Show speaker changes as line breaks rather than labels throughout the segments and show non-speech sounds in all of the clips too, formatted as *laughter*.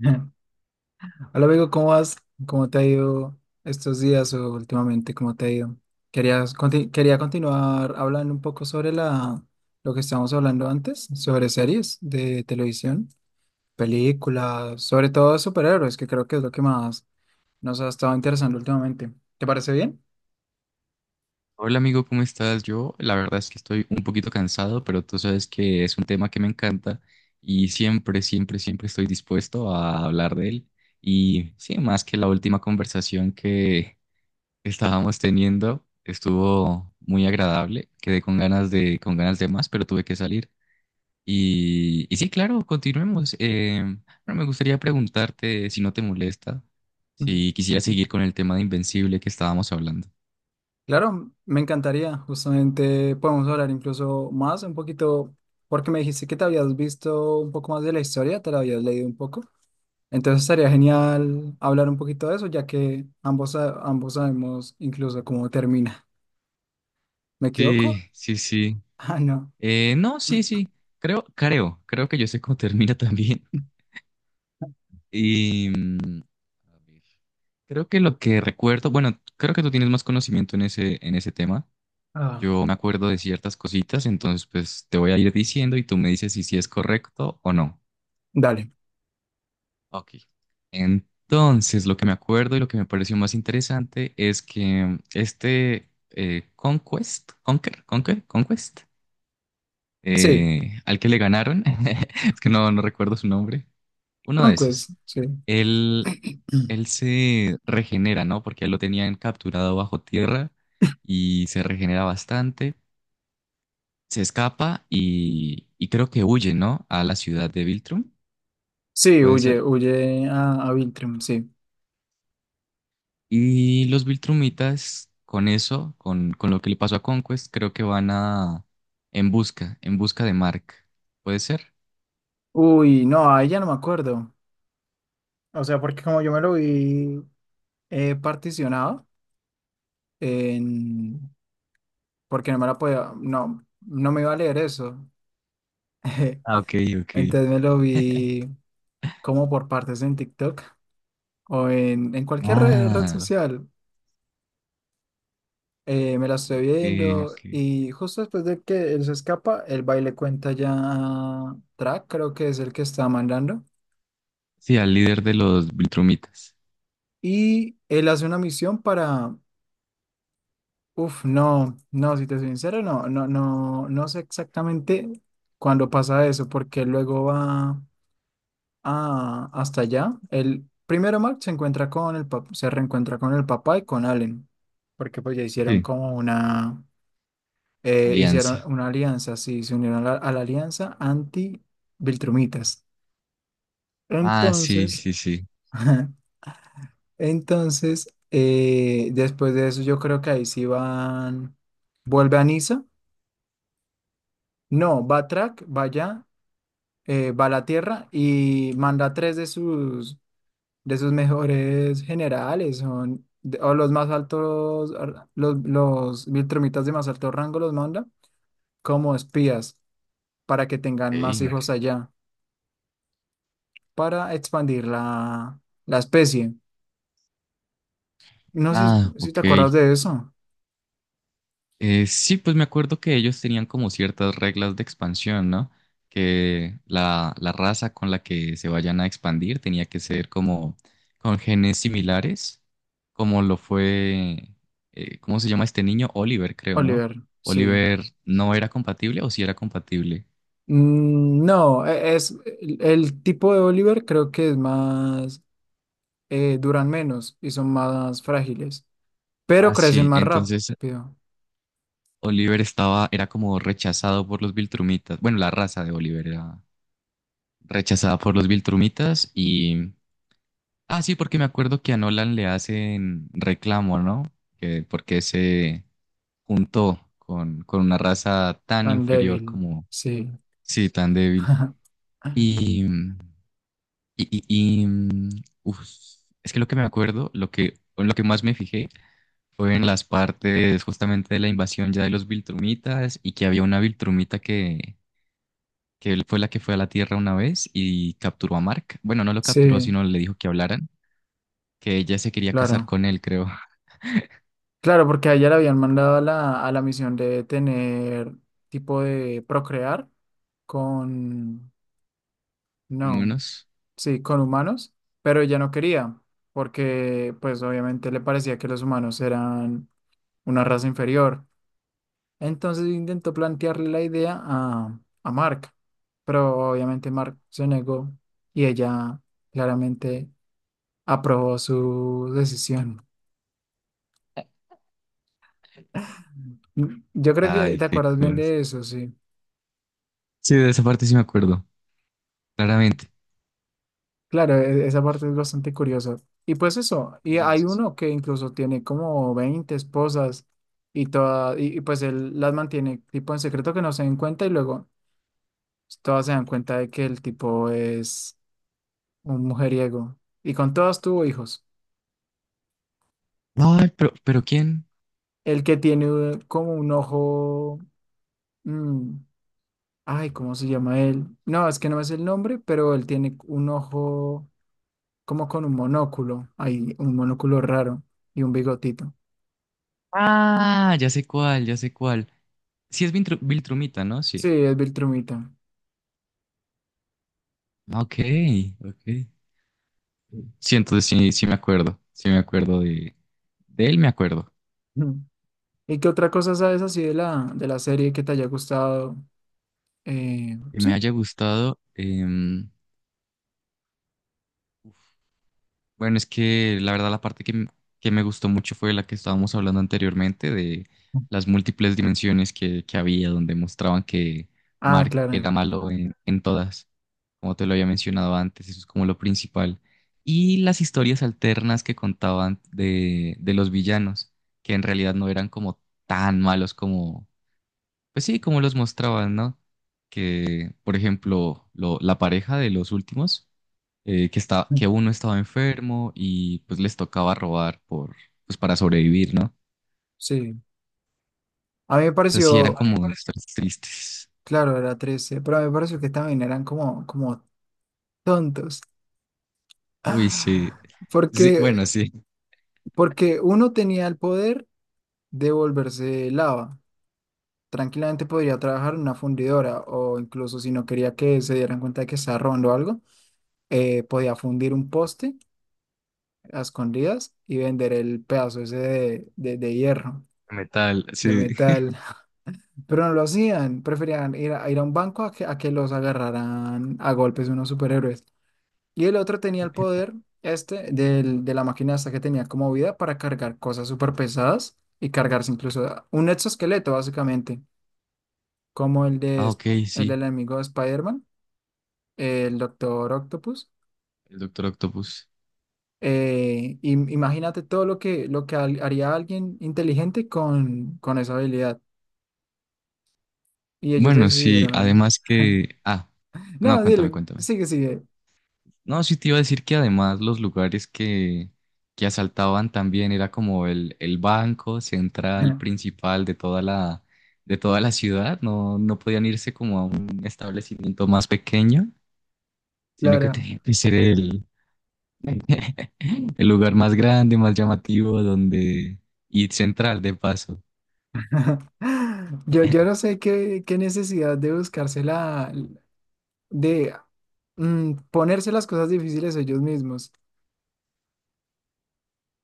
*laughs* Hola amigo, ¿cómo vas? ¿Cómo te ha ido estos días o últimamente? ¿Cómo te ha ido? Querías quería continuar hablando un poco sobre lo que estábamos hablando antes, sobre series de televisión, películas, sobre todo superhéroes, que creo que es lo que más nos ha estado interesando últimamente. ¿Te parece bien? *laughs*
Hola amigo, ¿cómo estás? Yo la verdad es que estoy un poquito cansado, pero tú sabes que es un tema que me encanta y siempre, siempre, siempre estoy dispuesto a hablar de él. Y sí, más que la última conversación que estábamos teniendo, estuvo muy agradable, quedé con ganas con ganas de más, pero tuve que salir. Y sí, claro, continuemos. Bueno, me gustaría preguntarte si no te molesta, si quisiera
Mm.
seguir con el tema de Invencible que estábamos hablando.
Claro, me encantaría. Justamente podemos hablar incluso más un poquito, porque me dijiste que te habías visto un poco más de la historia, te la habías leído un poco. Entonces sería genial hablar un poquito de eso, ya que ambos, ambos sabemos incluso cómo termina. ¿Me equivoco?
Sí,
*laughs*
sí, sí.
Ah, no.
No, sí, sí. Creo que yo sé cómo *laughs* termina también. Y mm, a ver, creo que lo que recuerdo, bueno, creo que tú tienes más conocimiento en ese tema.
Ah.
Yo me acuerdo de ciertas cositas, entonces pues te voy a ir diciendo y tú me dices si sí es correcto o no.
Dale.
Ok. Entonces, lo que me acuerdo y lo que me pareció más interesante es que este Conquest, Conquest,
Sí.
al que le ganaron, *laughs* es que no recuerdo su nombre. Uno de
Conquest,
esos.
sí.
Él,
*clears throat*
él se regenera, ¿no? Porque lo tenían capturado bajo tierra y se regenera bastante. Se escapa y creo que huye, ¿no? A la ciudad de Viltrum,
Sí,
puede
huye,
ser.
huye a Viltrum, sí.
Y los Viltrumitas, con eso, con lo que le pasó a Conquest, creo que van a... en busca de Mark. ¿Puede ser?
Uy, no, ahí ya no me acuerdo. O sea, porque como yo me lo vi particionado, en. Porque no me la podía, no me iba a leer eso. *laughs*
Ah, ok, ok.
Entonces me lo vi como por partes en TikTok, o en cualquier red
Ah,
social. Me la estoy
ok,
viendo
ok.
y justo después de que él se escapa, el baile cuenta ya a Track, creo que es el que está mandando.
Sí, al líder de los Viltrumitas.
Y él hace una misión para. Uf, no, no, si te soy sincero, no sé exactamente cuándo pasa eso, porque luego va hasta allá. El primero Mark se encuentra con el se reencuentra con el papá y con Allen, porque pues ya hicieron
Sí.
como una. Hicieron
Alianza.
una alianza, sí, se unieron a a la alianza anti-Viltrumitas.
Ah, sí,
Entonces,
sí, sí.
*laughs* ajá, entonces, después de eso, yo creo que ahí sí van, vuelve a Niza, no, va Track, va allá, va a la Tierra y manda 3 de de sus mejores generales, son, o los más altos, los Viltrumitas de más alto rango los manda como espías para que tengan más hijos
Ok.
allá, para expandir la especie. No sé si,
Ah,
si
ok.
te acuerdas de eso.
Sí, pues me acuerdo que ellos tenían como ciertas reglas de expansión, ¿no? Que la raza con la que se vayan a expandir tenía que ser como con genes similares, como lo fue, ¿cómo se llama este niño? Oliver, creo, ¿no?
Oliver. Sí.
Oliver no era compatible o sí era compatible.
Mm, no, es el tipo de Oliver creo que es más, duran menos y son más frágiles, pero
Ah,
crecen
sí,
más
entonces
rápido,
Oliver estaba, era como rechazado por los Viltrumitas. Bueno, la raza de Oliver era rechazada por los Viltrumitas y... Ah, sí, porque me acuerdo que a Nolan le hacen reclamo, ¿no? Que porque se juntó con una raza tan
tan
inferior
débil.
como...
Sí.
Sí, tan débil.
*laughs*
Y... y, y- mm, uf, es que lo que me acuerdo, lo que, en lo que más me fijé fue en las partes justamente de la invasión ya de los Viltrumitas y que había una Viltrumita que él fue la que fue a la Tierra una vez y capturó a Mark. Bueno, no lo capturó,
Sí,
sino le dijo que hablaran. Que ella se quería casar
claro.
con él, creo.
Claro, porque a ella la habían mandado a a la misión de tener tipo de procrear con. No.
Vámonos.
Sí, con humanos, pero ella no quería, porque pues obviamente le parecía que los humanos eran una raza inferior. Entonces intentó plantearle la idea a Mark, pero obviamente Mark se negó y ella claramente aprobó su decisión. Mm, yo creo que
Ay,
te
qué
acuerdas bien
cosa.
de eso, sí.
Sí, de esa parte sí me acuerdo, claramente.
Claro, esa parte es bastante curiosa. Y pues eso, y hay uno que incluso tiene como 20 esposas y todas, y pues él las mantiene tipo en secreto que no se den cuenta y luego todas se dan cuenta de que el tipo es un mujeriego. Y con todas tuvo hijos.
Ay, pero ¿quién?
El que tiene como un ojo, mm, ay, ¿cómo se llama él? No, es que no me sé el nombre, pero él tiene un ojo como con un monóculo, hay un monóculo raro y un bigotito.
Ah, ya sé cuál, ya sé cuál. Sí, es Viltrumita, ¿no?
Sí,
Sí.
es Viltrumita.
Ah, ok, ok. Sí, entonces sí, sí me acuerdo. Sí me acuerdo de él, me acuerdo.
Ujú. ¿Y qué otra cosa sabes así de de la serie que te haya gustado?
Que me
Sí.
haya gustado. Bueno, es que la verdad la parte que, que me gustó mucho fue la que estábamos hablando anteriormente de las múltiples dimensiones que había, donde mostraban que
Ah,
Mark
claro.
era malo en todas, como te lo había mencionado antes, eso es como lo principal. Y las historias alternas que contaban de los villanos, que en realidad no eran como tan malos como, pues sí, como los mostraban, ¿no? Que, por ejemplo, la pareja de los últimos que está,
Mm.
que uno estaba enfermo y pues les tocaba robar por, pues para sobrevivir, ¿no?
Sí. A mí me
Entonces sí eran
pareció,
como historias tristes.
claro, era 13, pero a mí me pareció que también eran como, como tontos.
Uy, sí.
Ah.
Sí,
Porque,
bueno, sí,
porque uno tenía el poder de volverse lava. Tranquilamente podría trabajar en una fundidora o incluso si no quería que se dieran cuenta de que estaba robando algo, podía fundir un poste a escondidas y vender el pedazo ese de hierro,
metal,
de
sí.
metal. Pero no lo hacían, preferían ir ir a un banco a a que los agarraran a golpes unos superhéroes. Y el otro tenía el poder, este, del, de la máquina esta que tenía como vida para cargar cosas súper pesadas y cargarse incluso un exoesqueleto, básicamente, como el de,
Ah, ok,
el
sí,
del enemigo de Spider-Man, el Doctor Octopus.
el Doctor Octopus.
Imagínate todo lo que, haría alguien inteligente con esa habilidad. Y ellos
Bueno, sí,
decidieron.
además
*laughs*
que... Ah, no,
No,
cuéntame,
dile,
cuéntame.
sigue, sigue.
No, sí te iba a decir que además los lugares que asaltaban también era como el banco central
*laughs*
principal de toda la ciudad. No, no podían irse como a un establecimiento más pequeño, sino que
Claro.
tenía que ser el lugar más grande, más llamativo, donde, y central de paso.
*laughs* Yo no sé qué necesidad de buscarse la, de ponerse las cosas difíciles ellos mismos.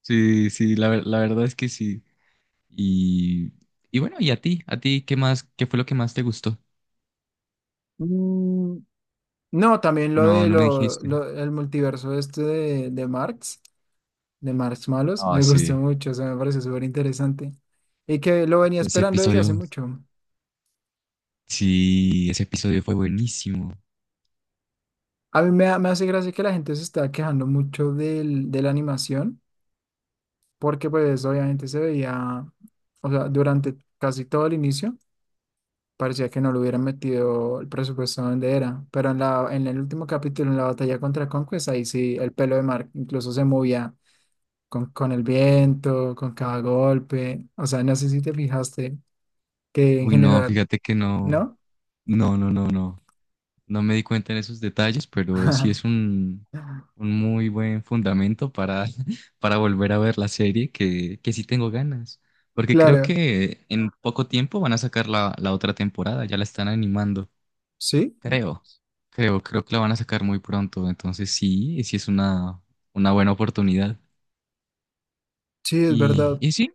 Sí, sí, la, la verdad es que sí. Y, y bueno, ¿y a ti? ¿A ti qué más, qué fue lo que más te gustó?
Mm, no, también lo
No,
de
no me
lo,
dijiste.
el multiverso este de Marx. De Marshmallows.
Ah,
Me gustó
sí.
mucho, eso me parece súper interesante. Y que lo venía
Ese
esperando desde hace
episodio.
mucho.
Sí, ese episodio fue buenísimo.
A mí me, me hace gracia que la gente se está quejando mucho del, de la animación, porque pues obviamente se veía, o sea, durante casi todo el inicio, parecía que no le hubieran metido el presupuesto donde era. Pero en la, en el último capítulo, en la batalla contra Conquest, ahí sí, el pelo de Mark incluso se movía con, el viento, con cada golpe. O sea, no sé si te fijaste que en
Uy, no,
general,
fíjate que no,
¿no?
no, no, no, no. No me di cuenta en esos detalles, pero sí es
*laughs*
un muy buen fundamento para, *laughs* para volver a ver la serie, que sí tengo ganas. Porque creo
Claro,
que en poco tiempo van a sacar la, la otra temporada, ya la están animando.
sí,
Creo, Creo que la van a sacar muy pronto. Entonces sí, sí es una buena oportunidad.
sí, es
Y,
verdad.
y sí,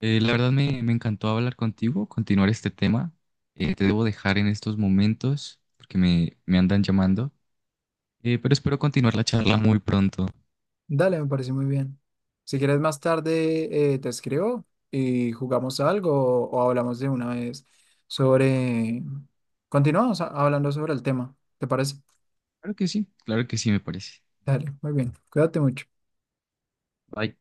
La verdad me, me encantó hablar contigo, continuar este tema. Te debo dejar en estos momentos porque me andan llamando. Pero espero continuar la charla muy pronto.
Dale, me parece muy bien. Si quieres más tarde, te escribo y jugamos algo o hablamos de una vez sobre. Continuamos hablando sobre el tema, ¿te parece?
Claro que sí, me parece.
Dale, muy bien. Cuídate mucho.
Bye.